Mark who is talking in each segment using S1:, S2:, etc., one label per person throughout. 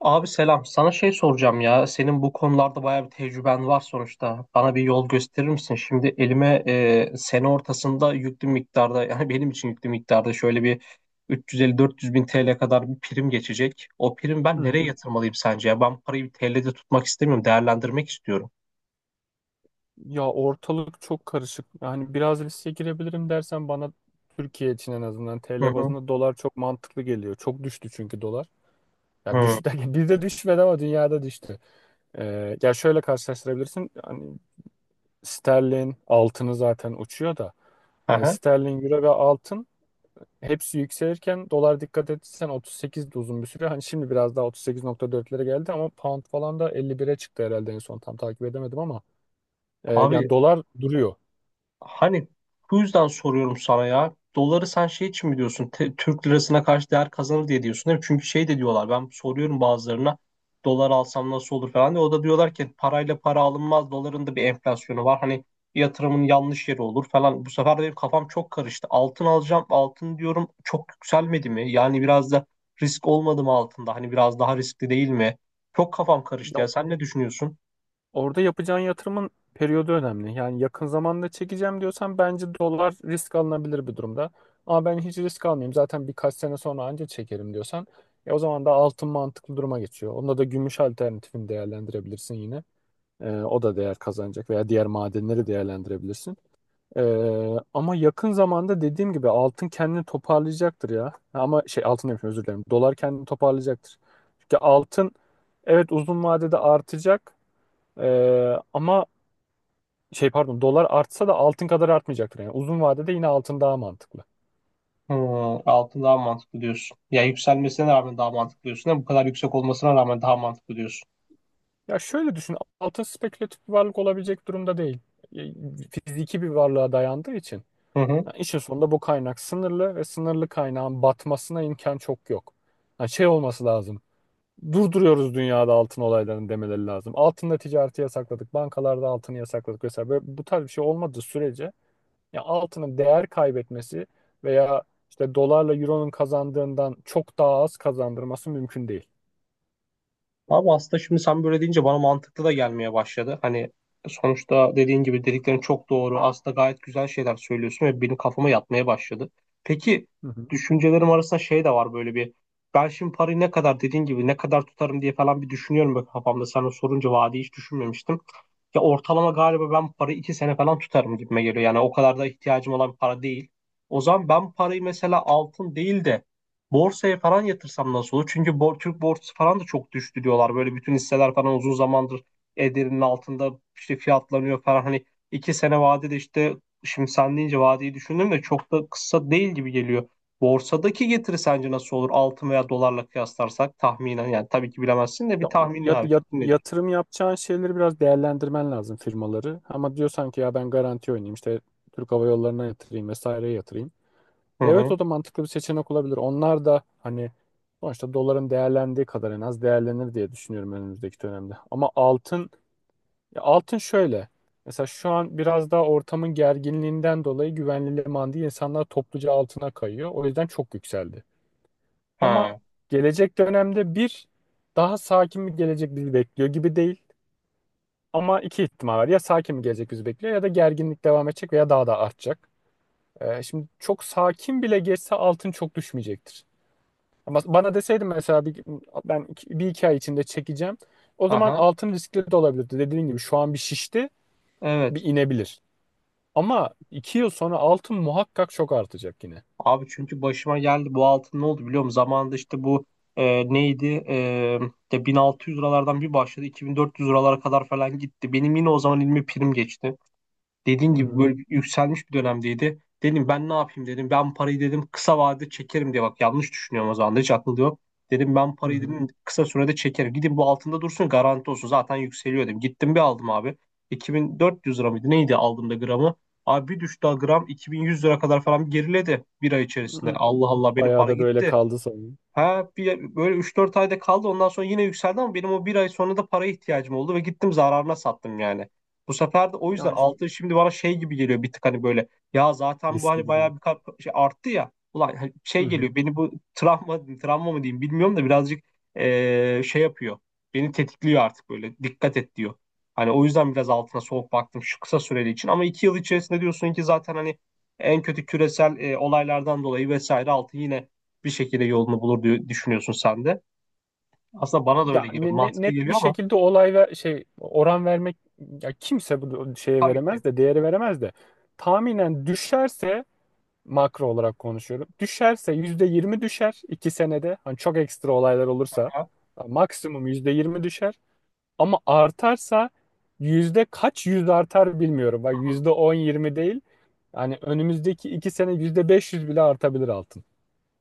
S1: Abi selam. Sana şey soracağım ya. Senin bu konularda bayağı bir tecrüben var sonuçta. Bana bir yol gösterir misin? Şimdi elime sene ortasında yüklü miktarda yani benim için yüklü miktarda şöyle bir 350-400 bin TL kadar bir prim geçecek. O prim
S2: Hı
S1: ben nereye
S2: hı.
S1: yatırmalıyım sence ya? Ben parayı bir TL'de tutmak istemiyorum. Değerlendirmek istiyorum.
S2: Ya ortalık çok karışık. Yani biraz riske girebilirim dersen bana Türkiye için en azından
S1: Hı
S2: TL
S1: hı.
S2: bazında dolar çok mantıklı geliyor. Çok düştü çünkü dolar. Ya
S1: Hı.
S2: düştü derken bizde düşmedi ama dünyada düştü. Ya şöyle karşılaştırabilirsin. Hani sterlin altını zaten uçuyor da.
S1: Aha.
S2: Sterlin, Euro ve altın hepsi yükselirken dolar dikkat etsen 38 de uzun bir süre. Hani şimdi biraz daha 38,4'lere geldi ama pound falan da 51'e çıktı herhalde en son tam takip edemedim ama yani
S1: Abi
S2: dolar duruyor.
S1: Hani Bu yüzden soruyorum sana ya. Doları sen şey için mi diyorsun? Türk lirasına karşı değer kazanır diye diyorsun değil mi? Çünkü şey de diyorlar. Ben soruyorum bazılarına. Dolar alsam nasıl olur falan diye. O da diyorlar ki parayla para alınmaz. Doların da bir enflasyonu var. Hani yatırımın yanlış yeri olur falan. Bu sefer de benim kafam çok karıştı. Altın alacağım. Altın diyorum, çok yükselmedi mi? Yani biraz da risk olmadı mı altında? Hani biraz daha riskli değil mi? Çok kafam karıştı ya. Sen ne düşünüyorsun?
S2: Orada yapacağın yatırımın periyodu önemli. Yani yakın zamanda çekeceğim diyorsan bence dolar risk alınabilir bir durumda. Ama ben hiç risk almayayım zaten birkaç sene sonra anca çekerim diyorsan o zaman da altın mantıklı duruma geçiyor. Onda da gümüş alternatifini değerlendirebilirsin yine. O da değer kazanacak veya diğer madenleri değerlendirebilirsin. E, Ama yakın zamanda dediğim gibi altın kendini toparlayacaktır ya. Ama şey altın demişim, özür dilerim. Dolar kendini toparlayacaktır. Çünkü altın evet uzun vadede artacak. Ama şey pardon dolar artsa da altın kadar artmayacaktır. Yani uzun vadede yine altın daha mantıklı.
S1: Hmm, altın daha mantıklı diyorsun. Ya yükselmesine rağmen daha mantıklı diyorsun. Değil, bu kadar yüksek olmasına rağmen daha mantıklı diyorsun.
S2: Ya şöyle düşün, altın spekülatif bir varlık olabilecek durumda değil. E, Fiziki bir varlığa dayandığı için.
S1: Hı hı.
S2: Yani işin sonunda bu kaynak sınırlı ve sınırlı kaynağın batmasına imkan çok yok. Yani şey olması lazım. Durduruyoruz dünyada altın olaylarını demeleri lazım. Altında ticareti yasakladık, bankalarda altını yasakladık vesaire. Böyle, bu tarz bir şey olmadığı sürece ya altının değer kaybetmesi veya işte dolarla euronun kazandığından çok daha az kazandırması mümkün değil.
S1: Abi aslında şimdi sen böyle deyince bana mantıklı da gelmeye başladı. Hani sonuçta dediğin gibi dediklerin çok doğru. Aslında gayet güzel şeyler söylüyorsun ve benim kafama yatmaya başladı. Peki
S2: Hı hı.
S1: düşüncelerim arasında şey de var böyle bir. Ben şimdi parayı, ne kadar dediğin gibi, ne kadar tutarım diye falan bir düşünüyorum böyle kafamda. Sana sorunca vaadi hiç düşünmemiştim. Ya ortalama galiba ben parayı 2 sene falan tutarım gibime geliyor. Yani o kadar da ihtiyacım olan para değil. O zaman ben parayı mesela altın değil de borsaya falan yatırsam nasıl olur? Çünkü Türk borsası falan da çok düştü diyorlar. Böyle bütün hisseler falan uzun zamandır ederinin altında işte fiyatlanıyor falan. Hani 2 sene vadede işte şimdi sen deyince vadeyi düşündüm de çok da kısa değil gibi geliyor. Borsadaki getiri sence nasıl olur? Altın veya dolarla kıyaslarsak tahminen, yani tabii ki bilemezsin de, bir tahminin abi, fikrin nedir?
S2: Yatırım yapacağın şeyleri biraz değerlendirmen lazım, firmaları. Ama diyorsan ki ya ben garanti oynayayım işte Türk Hava Yolları'na yatırayım, vesaireye yatırayım.
S1: Hı
S2: Evet,
S1: hı.
S2: o da mantıklı bir seçenek olabilir. Onlar da hani sonuçta doların değerlendiği kadar en az değerlenir diye düşünüyorum önümüzdeki dönemde. Ama altın, ya altın şöyle. Mesela şu an biraz daha ortamın gerginliğinden dolayı güvenli liman değil, insanlar topluca altına kayıyor. O yüzden çok yükseldi. Ama
S1: Ha.
S2: gelecek dönemde bir daha sakin bir gelecek bizi bekliyor gibi değil. Ama iki ihtimal var. Ya sakin bir gelecek bizi bekliyor ya da gerginlik devam edecek veya daha da artacak. Şimdi çok sakin bile geçse altın çok düşmeyecektir. Ama bana deseydin mesela bir, ben bir iki ay içinde çekeceğim. O zaman
S1: Aha.
S2: altın riskli de olabilirdi. Dediğin gibi şu an bir şişti,
S1: Evet.
S2: bir inebilir. Ama 2 yıl sonra altın muhakkak çok artacak yine.
S1: Abi çünkü başıma geldi bu altın, ne oldu biliyor musun? Zamanında işte bu neydi? İşte 1600 liralardan bir başladı, 2400 liralara kadar falan gitti. Benim yine o zaman elime prim geçti. Dediğin
S2: Hı
S1: gibi
S2: hı.
S1: böyle bir yükselmiş bir dönemdeydi. Dedim ben ne yapayım dedim. Ben parayı dedim kısa vadede çekerim diye, bak yanlış düşünüyorum, o zaman da hiç aklımda yok. Dedim ben
S2: Hı
S1: parayı
S2: hı.
S1: dedim kısa sürede çekerim. Gidin bu altında dursun, garanti olsun, zaten yükseliyor dedim. Gittim bir aldım abi. 2400 lira mıydı neydi aldığımda gramı. Abi bir düştü, gram 2100 lira kadar falan geriledi bir ay içerisinde.
S2: Hı.
S1: Allah Allah, benim
S2: Bayağı
S1: para
S2: da böyle
S1: gitti.
S2: kaldı sanırım.
S1: Ha bir, böyle üç dört ayda kaldı, ondan sonra yine yükseldi ama benim o bir ay sonra da paraya ihtiyacım oldu ve gittim zararına sattım yani. Bu sefer de o yüzden
S2: Yani.
S1: altın şimdi bana şey gibi geliyor bir tık hani böyle, ya zaten bu
S2: Riskli
S1: hani
S2: gibi.
S1: bayağı bir şey arttı ya ulan, hani
S2: Hı
S1: şey
S2: hı.
S1: geliyor, beni bu travma, travma mı diyeyim bilmiyorum da, birazcık şey yapıyor, beni tetikliyor artık, böyle dikkat et diyor. Hani o yüzden biraz altına soğuk baktım şu kısa süreli için ama 2 yıl içerisinde diyorsun ki zaten hani en kötü küresel olaylardan dolayı vesaire altın yine bir şekilde yolunu bulur diye düşünüyorsun sen de. Aslında bana da
S2: Ya
S1: öyle geliyor. Mantıklı
S2: net bir
S1: geliyor ama
S2: şekilde olay ve şey, oran vermek, ya kimse bu şeye
S1: tabii ki.
S2: veremez de, değeri veremez de, tahminen düşerse, makro olarak konuşuyorum. Düşerse %20 düşer 2 senede. Hani çok ekstra olaylar olursa ya maksimum %20 düşer. Ama artarsa yüzde kaç yüz artar bilmiyorum. Bak, yüzde on yirmi değil. Yani önümüzdeki 2 sene %500 bile artabilir altın.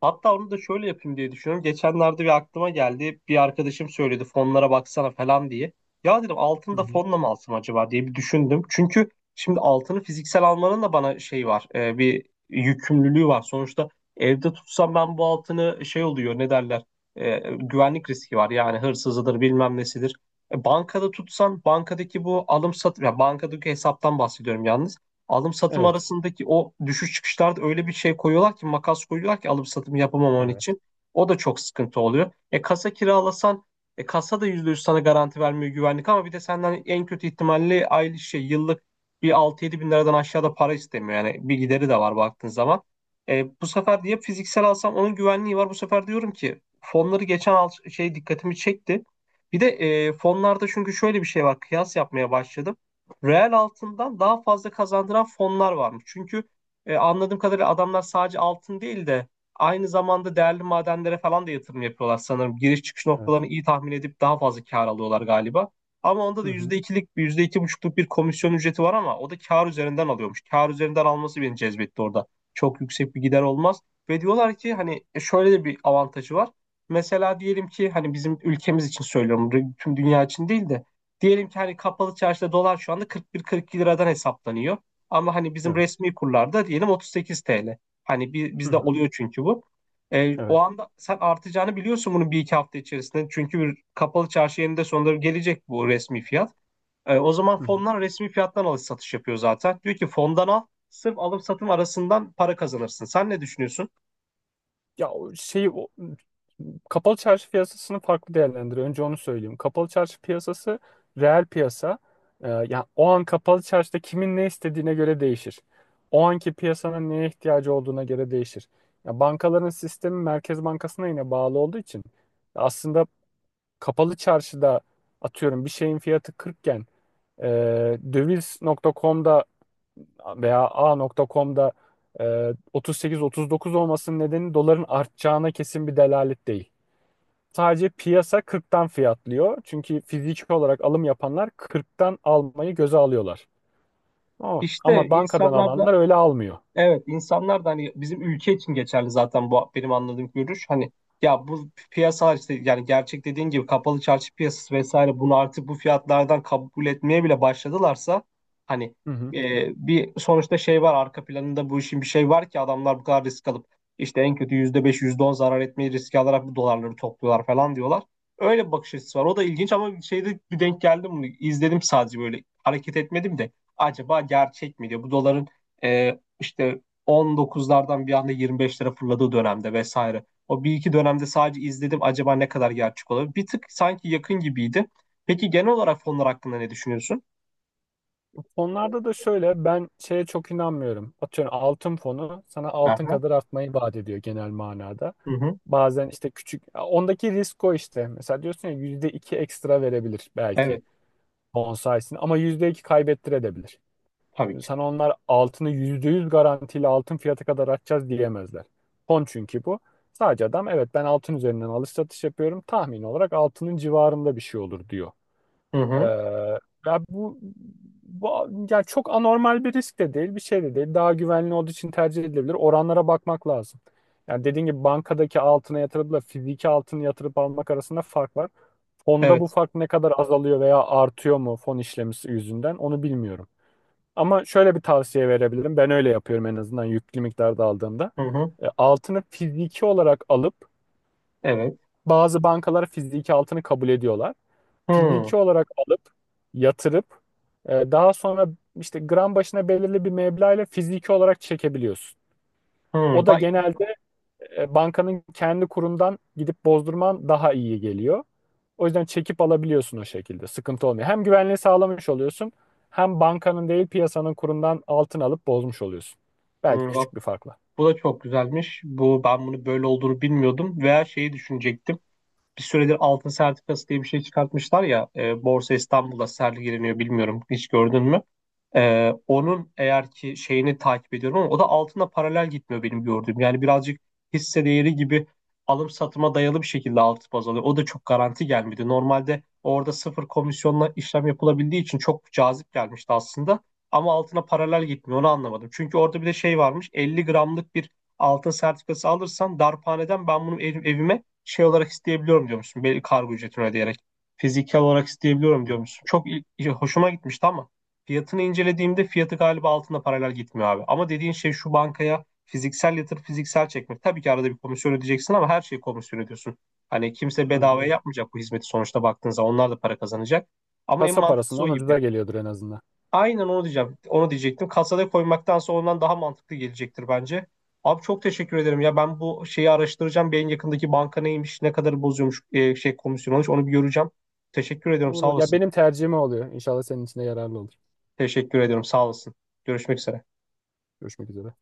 S1: Hatta onu da şöyle yapayım diye düşünüyorum. Geçenlerde bir aklıma geldi. Bir arkadaşım söyledi, fonlara baksana falan diye. Ya dedim altını
S2: Hı
S1: da
S2: hı.
S1: fonla mı alsam acaba diye bir düşündüm. Çünkü şimdi altını fiziksel almanın da bana şey var. Bir yükümlülüğü var. Sonuçta evde tutsam ben bu altını şey oluyor, ne derler. Güvenlik riski var. Yani hırsızıdır bilmem nesidir. Bankada tutsan bankadaki bu alım satım. Ya bankadaki hesaptan bahsediyorum yalnız, alım satım
S2: Evet.
S1: arasındaki o düşüş çıkışlarda öyle bir şey koyuyorlar ki, makas koyuyorlar ki alım satım yapamaman
S2: Evet.
S1: için. O da çok sıkıntı oluyor. E kasa kiralasan, kasa da %100 sana garanti vermiyor güvenlik, ama bir de senden en kötü ihtimalle aylık şey yıllık bir 6 yedi bin liradan aşağıda para istemiyor. Yani bir gideri de var baktığın zaman. Bu sefer diye fiziksel alsam onun güvenliği var. Bu sefer diyorum ki fonları geçen al şey dikkatimi çekti. Bir de fonlarda çünkü şöyle bir şey var. Kıyas yapmaya başladım, reel altından daha fazla kazandıran fonlar varmış. Çünkü anladığım kadarıyla adamlar sadece altın değil de aynı zamanda değerli madenlere falan da yatırım yapıyorlar sanırım. Giriş çıkış noktalarını
S2: Evet.
S1: iyi tahmin edip daha fazla kar alıyorlar galiba. Ama onda da
S2: Hı hı.
S1: yüzde ikilik, yüzde iki buçukluk bir komisyon ücreti var ama o da kar üzerinden alıyormuş. Kar üzerinden alması beni cezbetti orada. Çok yüksek bir gider olmaz. Ve diyorlar ki hani şöyle de bir avantajı var. Mesela diyelim ki hani bizim ülkemiz için söylüyorum, tüm dünya için değil de, diyelim ki hani kapalı çarşıda dolar şu anda 41-42 liradan hesaplanıyor. Ama hani bizim
S2: Evet.
S1: resmi kurlarda diyelim 38 TL. Hani
S2: Hı
S1: bizde
S2: hı.
S1: oluyor çünkü bu. O
S2: Evet.
S1: anda sen artacağını biliyorsun bunun bir iki hafta içerisinde. Çünkü bir kapalı çarşı yerinde sonunda gelecek bu resmi fiyat. O zaman
S2: Hı hı.
S1: fonlar resmi fiyattan alış satış yapıyor zaten. Diyor ki, fondan al, sırf alım satım arasından para kazanırsın. Sen ne düşünüyorsun?
S2: Ya o şey o, kapalı çarşı piyasasını farklı değerlendiriyor. Önce onu söyleyeyim. Kapalı çarşı piyasası reel piyasa. Yani o an kapalı çarşıda kimin ne istediğine göre değişir. O anki piyasanın neye ihtiyacı olduğuna göre değişir. Ya bankaların sistemi Merkez Bankası'na yine bağlı olduğu için, aslında kapalı çarşıda atıyorum bir şeyin fiyatı 40 iken e, döviz.com'da veya A.com'da e, 38-39 olmasının nedeni doların artacağına kesin bir delalet değil. Sadece piyasa 40'tan fiyatlıyor. Çünkü fiziki olarak alım yapanlar 40'tan almayı göze alıyorlar. Ama,
S1: İşte
S2: ama bankadan
S1: insanlarda
S2: alanlar öyle almıyor.
S1: Evet, insanlar da hani bizim ülke için geçerli zaten bu benim anladığım görüş. Hani ya bu piyasalar işte yani gerçek, dediğin gibi, kapalı çarşı piyasası vesaire bunu artık bu fiyatlardan kabul etmeye bile başladılarsa hani
S2: Hı hı.
S1: bir sonuçta şey var arka planında bu işin, bir şey var ki adamlar bu kadar risk alıp işte en kötü %5 yüzde on zarar etmeyi riske alarak bu dolarları topluyorlar falan diyorlar. Öyle bir bakış açısı var. O da ilginç ama şeyde bir denk geldim mi? İzledim sadece, böyle hareket etmedim de acaba gerçek mi diye, bu doların e, işte 19'lardan bir anda 25 lira fırladığı dönemde vesaire. O bir iki dönemde sadece izledim, acaba ne kadar gerçek olabilir? Bir tık sanki yakın gibiydi. Peki genel olarak fonlar hakkında ne düşünüyorsun?
S2: Fonlarda da şöyle, ben şeye çok inanmıyorum. Atıyorum altın fonu sana altın
S1: Aha.
S2: kadar artmayı vaat ediyor genel manada.
S1: Hı hı.
S2: Bazen işte küçük ondaki risk o işte. Mesela diyorsun ya, %2 ekstra verebilir belki.
S1: Evet.
S2: Bonsais'in ama %2 kaybettirebilir.
S1: Tabii ki.
S2: Sana onlar altını %100 garantiyle altın fiyatı kadar atacağız diyemezler. Fon çünkü bu. Sadece adam evet ben altın üzerinden alış satış yapıyorum, tahmin olarak altının civarında bir şey olur diyor.
S1: Hı
S2: Ee,
S1: hı.
S2: ya bu yani çok anormal bir risk de değil, bir şey de değil. Daha güvenli olduğu için tercih edilebilir. Oranlara bakmak lazım. Yani dediğin gibi bankadaki altına yatırıpla fiziki altını yatırıp almak arasında fark var. Fonda bu
S1: Evet.
S2: fark ne kadar azalıyor veya artıyor mu fon işlemisi yüzünden onu bilmiyorum. Ama şöyle bir tavsiye verebilirim. Ben öyle yapıyorum en azından yüklü miktarda aldığımda.
S1: Hı hı.
S2: Altını fiziki olarak alıp,
S1: Evet.
S2: bazı bankalar fiziki altını kabul ediyorlar.
S1: Hı.
S2: Fiziki olarak alıp yatırıp daha sonra işte gram başına belirli bir meblağ ile fiziki olarak çekebiliyorsun.
S1: Hı.
S2: O da
S1: Bak,
S2: genelde bankanın kendi kurundan gidip bozdurman daha iyi geliyor. O yüzden çekip alabiliyorsun o şekilde. Sıkıntı olmuyor. Hem güvenliği sağlamış oluyorsun, hem bankanın değil piyasanın kurundan altın alıp bozmuş oluyorsun. Belki
S1: hı. Bak,
S2: küçük bir farkla.
S1: bu da çok güzelmiş. Bu, ben bunu böyle olduğunu bilmiyordum veya şeyi düşünecektim. Bir süredir altın sertifikası diye bir şey çıkartmışlar ya. Borsa İstanbul'da sergileniyor, bilmiyorum. Hiç gördün mü? Onun eğer ki şeyini takip ediyorum ama o da altına paralel gitmiyor benim gördüğüm. Yani birazcık hisse değeri gibi alım satıma dayalı bir şekilde altı baz alıyor. O da çok garanti gelmedi. Normalde orada sıfır komisyonla işlem yapılabildiği için çok cazip gelmişti aslında. Ama altına paralel gitmiyor, onu anlamadım. Çünkü orada bir de şey varmış, 50 gramlık bir altın sertifikası alırsan darphaneden ben bunu evime şey olarak isteyebiliyorum diyormuşsun, belli kargo ücretini ödeyerek. Fiziksel olarak isteyebiliyorum diyormuşsun. Çok hoşuma gitmişti ama. Fiyatını incelediğimde fiyatı galiba altında paralel gitmiyor abi. Ama dediğin şey şu, bankaya fiziksel yatırıp fiziksel çekmek. Tabii ki arada bir komisyon ödeyeceksin ama her şeyi komisyon ödüyorsun. Hani kimse
S2: Aynen
S1: bedavaya
S2: öyle.
S1: yapmayacak bu hizmeti sonuçta baktığınızda. Onlar da para kazanacak. Ama en
S2: Kasa
S1: mantıklısı o
S2: parasından
S1: gibi.
S2: ucuza geliyordur en azından.
S1: Aynen onu diyeceğim. Onu diyecektim. Kasada koymaktansa ondan daha mantıklı gelecektir bence. Abi çok teşekkür ederim. Ya ben bu şeyi araştıracağım. Bir yakındaki banka neymiş, ne kadar bozuyormuş, şey komisyon olmuş, onu bir göreceğim. Teşekkür ediyorum. Sağ
S2: Olur. Ya
S1: olasın.
S2: benim tercihim o oluyor. İnşallah senin için de yararlı olur.
S1: Teşekkür ediyorum. Sağ olasın. Görüşmek üzere.
S2: Görüşmek üzere.